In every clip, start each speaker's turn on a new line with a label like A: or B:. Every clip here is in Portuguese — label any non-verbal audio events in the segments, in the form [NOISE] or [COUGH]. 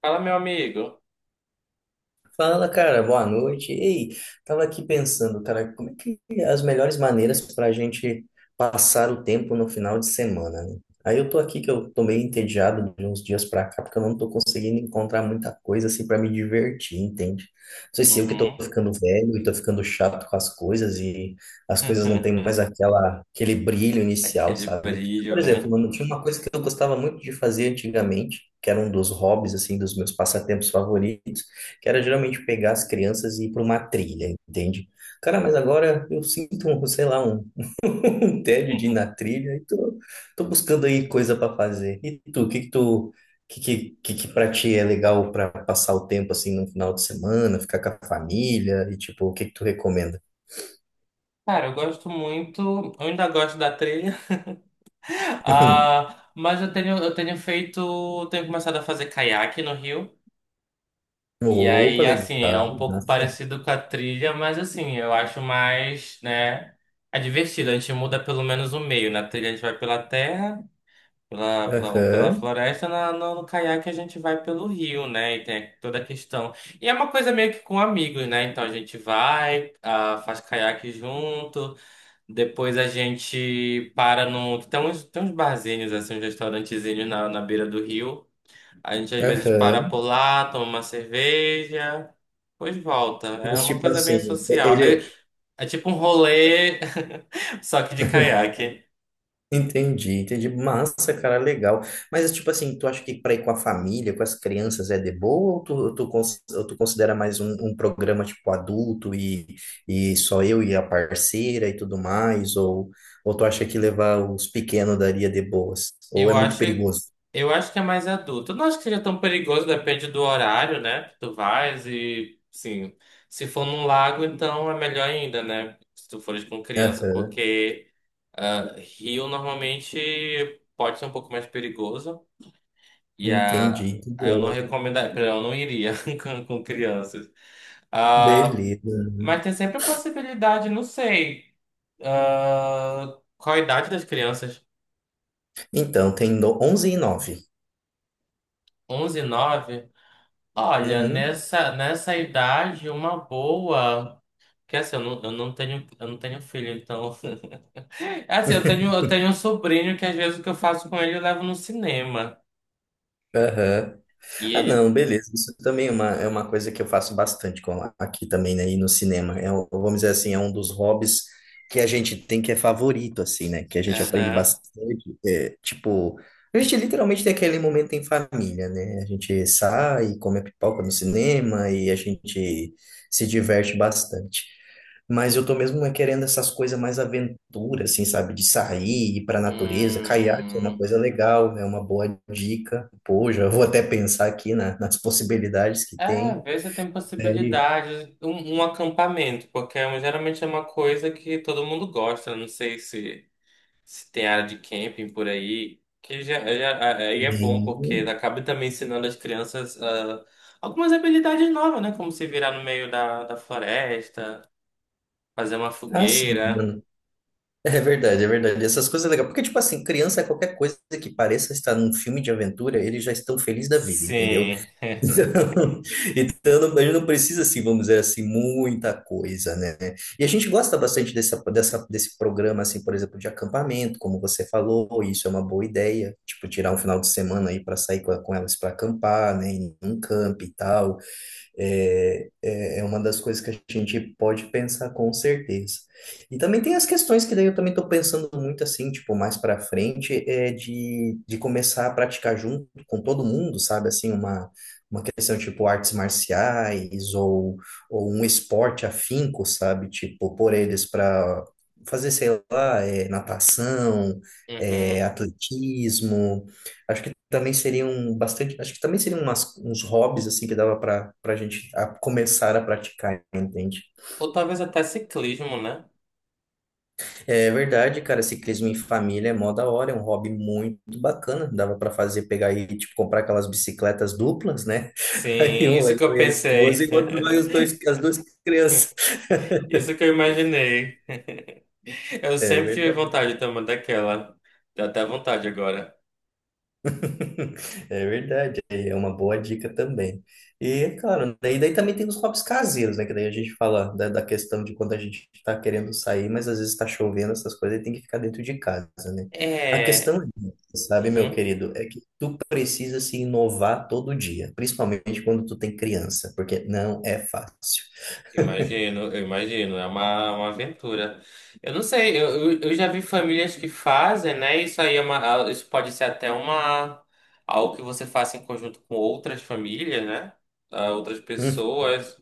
A: Fala, meu amigo.
B: Fala, cara, boa noite. Ei, tava aqui pensando, cara, como é que as melhores maneiras para a gente passar o tempo no final de semana, né? Aí eu tô aqui que eu tô meio entediado de uns dias pra cá, porque eu não tô conseguindo encontrar muita coisa assim para me divertir, entende? Não sei se eu que tô
A: Uhum.
B: ficando velho e tô ficando chato com as coisas e as coisas não têm
A: [LAUGHS]
B: mais aquela aquele brilho inicial,
A: Aquele
B: sabe?
A: brilho,
B: Por exemplo,
A: né?
B: mano, tinha uma coisa que eu gostava muito de fazer antigamente, que era um dos hobbies assim dos meus passatempos favoritos que era geralmente pegar as crianças e ir para uma trilha, entende? Cara, mas agora eu sinto, sei lá, [LAUGHS] um tédio de ir na
A: [LAUGHS]
B: trilha e tô buscando aí coisa para fazer. E tu, o que que tu, que para ti é legal para passar o tempo assim no final de semana, ficar com a família e tipo, o que que tu recomenda?
A: Cara, eu gosto muito, eu ainda gosto da trilha, [LAUGHS]
B: [LAUGHS]
A: ah, mas eu tenho feito, eu tenho começado a fazer caiaque no rio, e
B: Opa,
A: aí, assim, é
B: legal,
A: um pouco
B: massa.
A: parecido com a trilha, mas assim, eu acho mais, né, é divertido, a gente muda pelo menos o meio, na trilha a gente vai pela terra, Ou pela
B: Aham,
A: floresta, na, no, no caiaque a gente vai pelo rio, né? E tem toda a questão. E é uma coisa meio que com amigos, né? Então a gente vai, ah, faz caiaque junto, depois a gente para no. Tem uns barzinhos, assim, uns restaurantezinhos na beira do rio. A gente às vezes para
B: aham.
A: por lá, toma uma cerveja, depois volta. É
B: Mas
A: uma
B: tipo
A: coisa bem
B: assim. É,
A: social.
B: ele, é
A: É, é tipo um rolê, [LAUGHS] só que de caiaque.
B: Entendi, entendi. Massa, cara, legal. Mas, tipo assim, tu acha que para ir com a família, com as crianças é de boa ou ou tu considera mais um programa, tipo, adulto e só eu e a parceira e tudo mais? Ou tu acha que levar os pequenos daria de boas? Ou
A: Eu
B: é muito
A: acho,
B: perigoso?
A: eu acho que é mais adulto. Eu não acho que seja tão perigoso, depende do horário, né? Que tu vais e, sim, se for num lago, então é melhor ainda, né? Se tu fores com criança,
B: Aham,
A: porque ah, rio normalmente pode ser um pouco mais perigoso e a
B: entendi.
A: aí eu não
B: Entendi.
A: recomendaria, eu não iria [LAUGHS] com crianças. Ah,
B: Beleza.
A: mas tem sempre a possibilidade, não sei, ah, qual a idade das crianças?
B: Então, tem 11 e nove.
A: 11, 9 Olha,
B: Uhum.
A: nessa idade, uma boa. Que assim, eu não tenho filho, então. [LAUGHS] Assim, eu tenho,
B: [LAUGHS]
A: eu tenho um sobrinho que às vezes o que eu faço com ele eu levo no cinema.
B: Aham.
A: E
B: Ah, não,
A: ele.
B: beleza. Isso também é uma coisa que eu faço bastante com aqui também, né? E no cinema. Vamos dizer assim, é um dos hobbies que a gente tem que é favorito, assim, né? Que a gente aprende
A: Aham.
B: bastante. Tipo, a gente literalmente tem aquele momento em família, né? A gente sai, come a pipoca no cinema e a gente se diverte bastante. Mas eu tô mesmo é querendo essas coisas mais aventura, assim, sabe? De sair, ir pra natureza. Caiaque é uma
A: Hum,
B: coisa legal, é uma boa dica. Pô, já vou até pensar aqui nas possibilidades que
A: é,
B: tem.
A: vê se tem
B: Daí,
A: possibilidade. Um acampamento, porque geralmente é uma coisa que todo mundo gosta. Não sei se. Se tem área de camping por aí, que já, já- aí é bom, porque
B: nem-
A: acaba também ensinando as crianças ah, algumas habilidades novas, né? Como se virar no meio da floresta, fazer uma
B: Ah, sim,
A: fogueira.
B: mano. É verdade, é verdade. Essas coisas legais. Porque, tipo assim, criança, qualquer coisa que pareça estar num filme de aventura, eles já estão felizes da vida, entendeu?
A: Sim.
B: Então, [LAUGHS] então, a gente não precisa, assim, vamos dizer assim, muita coisa, né? E a gente gosta bastante desse programa, assim, por exemplo, de acampamento, como você falou, isso é uma boa ideia, tipo, tirar um final de semana aí para sair com elas para acampar, né? Em um camping e tal, é uma das coisas que a gente pode pensar com certeza. E também tem as questões que daí eu também estou pensando muito assim, tipo, mais para frente, é de começar a praticar junto com todo mundo, sabe? Assim, uma questão tipo artes marciais ou um esporte afinco, sabe? Tipo, pôr eles para fazer, sei lá, natação,
A: Uhum.
B: atletismo. Acho que também seriam bastante, acho que também seriam umas, uns hobbies assim que dava para a gente começar a praticar, entende?
A: Ou talvez até ciclismo, né?
B: É verdade, cara, ciclismo em família é mó da hora, é um hobby muito bacana, dava para fazer, pegar e tipo comprar aquelas bicicletas duplas, né? [LAUGHS] Aí
A: Sim,
B: um vai
A: isso que
B: eu
A: eu
B: e a esposa
A: pensei.
B: e o outro vai os
A: [LAUGHS]
B: dois, as duas crianças.
A: Isso que eu imaginei. Eu
B: É
A: sempre tive
B: verdade.
A: vontade também daquela. Dá até vontade agora.
B: [LAUGHS] É verdade, é uma boa dica também. E, claro, daí também tem os hobbies caseiros, né? Que daí a gente fala da questão de quando a gente tá querendo sair, mas às vezes tá chovendo, essas coisas, e tem que ficar dentro de casa, né? A
A: É.
B: questão, sabe, meu
A: Uhum.
B: querido, é que tu precisa se inovar todo dia, principalmente quando tu tem criança, porque não é fácil.
A: Imagino, eu imagino, é uma aventura. Eu não sei, eu já vi famílias que fazem, né? Isso aí é uma, isso pode ser até uma, algo que você faça em conjunto com outras famílias, né? Ah, outras pessoas,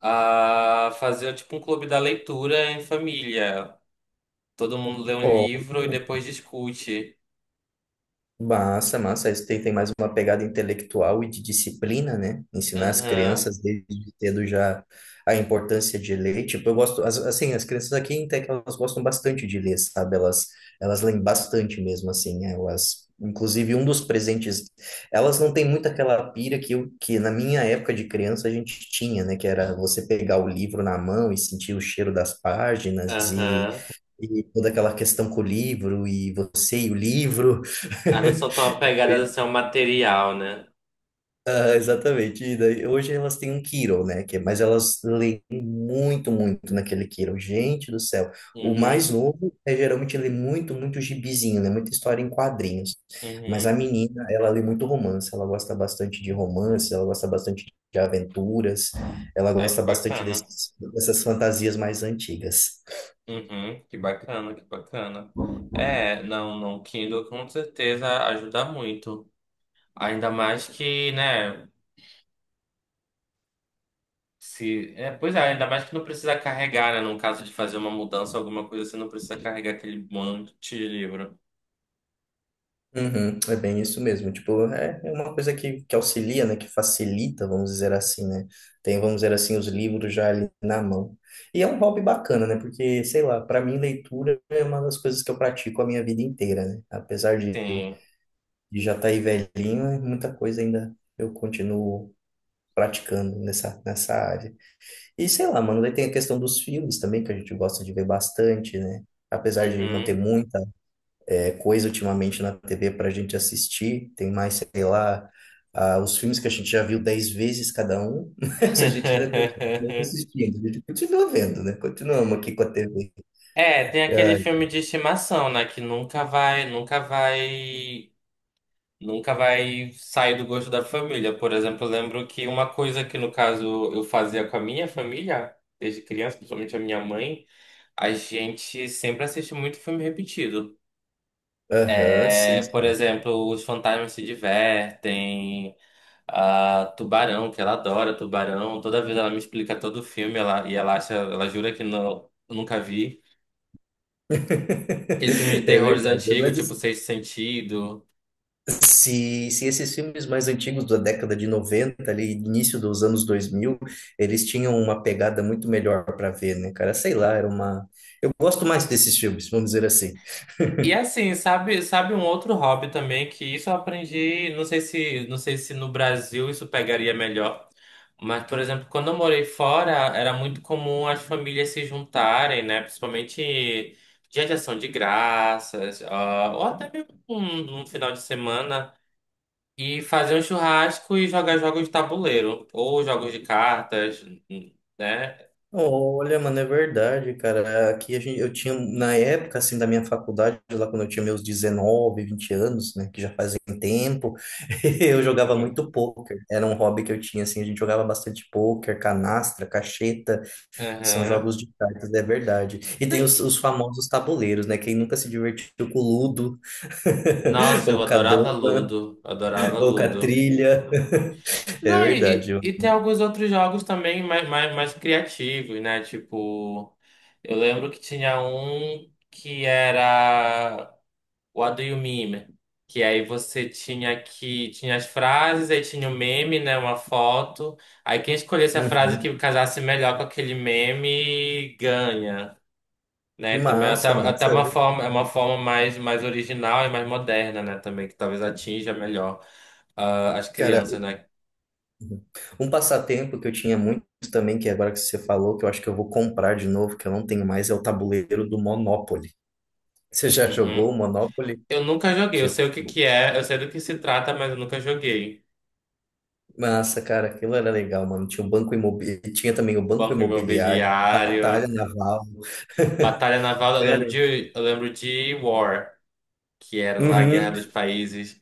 A: a fazer tipo um clube da leitura em família. Todo mundo lê um
B: Hum.
A: livro e depois discute.
B: Massa, massa. Isso tem mais uma pegada intelectual e de disciplina, né? Ensinar as
A: Aham,
B: crianças desde cedo já a importância de ler. Tipo, eu gosto, assim, as crianças aqui em Tec, elas gostam bastante de ler, sabe? Elas leem bastante mesmo, assim. Elas, inclusive, um dos presentes, elas não têm muito aquela pira que na minha época de criança a gente tinha, né? Que era você pegar o livro na mão e sentir o cheiro das páginas e.
A: aham.
B: E toda aquela questão com o livro, e você e o livro.
A: Ah, não são tão apegadas assim ao material, né?
B: [LAUGHS] Ah, exatamente. E daí, hoje elas têm um Kiro, né? Mas elas leem muito, muito naquele Kiro. Gente do céu. O mais
A: Uhum,
B: novo geralmente lê muito, muito gibizinho, né? Muita história em quadrinhos. Mas a
A: uhum.
B: menina, ela lê muito romance. Ela gosta bastante de romance, ela gosta bastante de aventuras, ela
A: Ai,
B: gosta
A: que
B: bastante
A: bacana.
B: dessas fantasias mais antigas.
A: Uhum, que bacana, que bacana. É, não, não, Kindle com certeza ajuda muito. Ainda mais que, né, se, é, pois é, ainda mais que não precisa carregar, né, no caso de fazer uma mudança, alguma coisa, você não precisa carregar aquele monte de livro.
B: Uhum, é bem isso mesmo. Tipo, é uma coisa que auxilia, né? Que facilita, vamos dizer assim, né? Tem, vamos dizer assim, os livros já ali na mão. E é um hobby bacana, né? Porque, sei lá, para mim, leitura é uma das coisas que eu pratico a minha vida inteira, né? Apesar de,
A: Sim.
B: de já estar aí velhinho, é muita coisa ainda eu continuo praticando nessa área. E, sei lá, mano, daí tem a questão dos filmes também, que a gente gosta de ver bastante, né? Apesar de não ter
A: Uhum.
B: muita coisa ultimamente na TV para a gente assistir. Tem mais, sei lá, ah, os filmes que a gente já viu 10 vezes cada um, [LAUGHS] mas a gente ainda continua
A: [LAUGHS]
B: assistindo, a gente continua vendo, né? Continuamos aqui com a TV.
A: É, tem aquele
B: Ah,
A: filme de estimação, né, que nunca vai, nunca vai nunca vai sair do gosto da família. Por exemplo, eu lembro que uma coisa que, no caso, eu fazia com a minha família, desde criança, principalmente a minha mãe, a gente sempre assiste muito filme repetido.
B: aham,
A: É,
B: sim,
A: por
B: sim.
A: exemplo, Os Fantasmas se Divertem, a Tubarão, que ela adora Tubarão. Toda vez ela me explica todo o filme ela, e ela acha, ela jura que não, eu nunca vi. Aqueles filmes de
B: [LAUGHS] É
A: terrores
B: verdade.
A: antigos,
B: Mas
A: tipo
B: assim,
A: Sexto Sentido.
B: se esses filmes mais antigos da década de 90 ali, início dos anos 2000 eles tinham uma pegada muito melhor para ver, né, cara? Sei lá, era uma. Eu gosto mais desses filmes, vamos dizer assim.
A: E assim, sabe, sabe um outro hobby também que isso eu aprendi, não sei se no Brasil isso pegaria melhor, mas por exemplo, quando eu morei fora, era muito comum as famílias se juntarem, né, principalmente dia de ação de graças, ah, ou até mesmo um final de semana e fazer um churrasco e jogar jogos de tabuleiro ou jogos de cartas, né?
B: Olha, mano, é verdade, cara. Aqui a gente, eu tinha, na época, assim, da minha faculdade, lá quando eu tinha meus 19, 20 anos, né, que já fazem tempo, [LAUGHS] eu jogava muito
A: [LAUGHS]
B: pôquer. Era um hobby que eu tinha, assim, a gente jogava bastante pôquer, canastra, cacheta, que são
A: Aham.
B: jogos de cartas, é verdade. E tem os famosos tabuleiros, né? Quem nunca se divertiu com o Ludo, [LAUGHS]
A: Nossa, eu
B: ou com a
A: adorava
B: dama,
A: Ludo, adorava
B: ou com a
A: Ludo.
B: trilha. [LAUGHS] É
A: Não,
B: verdade.
A: e tem alguns outros jogos também mais criativos, né? Tipo, eu lembro que tinha um que era What Do You Meme? Que aí você tinha que tinha as frases, aí tinha o meme, né? Uma foto. Aí quem escolhesse a frase
B: Uhum.
A: que casasse melhor com aquele meme ganha, né? Também é até,
B: Massa,
A: até
B: massa.
A: uma
B: Né?
A: forma, é uma forma mais, mais original e mais moderna, né? Também que talvez atinja melhor ah, as
B: Cara,
A: crianças, né?
B: um passatempo que eu tinha muito também, que é agora que você falou, que eu acho que eu vou comprar de novo, que eu não tenho mais, é o tabuleiro do Monopoly. [LAUGHS] Você já
A: Uhum.
B: jogou o Monopoly?
A: Eu nunca joguei, eu
B: Tipo,
A: sei o que que é, eu sei do que se trata, mas eu nunca joguei.
B: massa, cara, aquilo era legal, mano. Tinha também o banco
A: Banco
B: imobiliário, batalha
A: Imobiliário,
B: naval.
A: Batalha
B: [LAUGHS]
A: Naval, eu lembro
B: Cara,
A: de, eu lembro de War, que era lá a Guerra
B: uhum,
A: dos Países.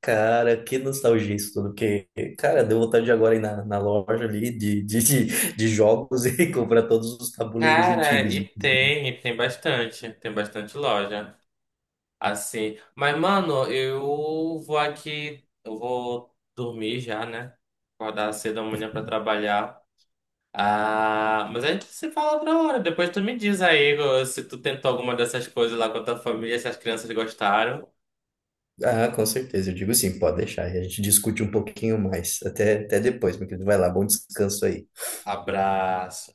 B: cara, que nostalgia isso tudo, porque, cara, deu vontade de agora ir na loja ali de jogos [LAUGHS] e comprar todos os tabuleiros
A: Cara,
B: antigos.
A: e tem bastante loja, assim. Mas, mano, eu vou aqui, eu vou dormir já, né? Acordar cedo amanhã pra trabalhar. Ah, mas a gente se fala outra hora. Depois tu me diz aí se tu tentou alguma dessas coisas lá com a tua família, se as crianças gostaram.
B: Ah, com certeza. Eu digo sim, pode deixar. E a gente discute um pouquinho mais. Até depois, meu querido. Vai lá, bom descanso aí.
A: Abraço.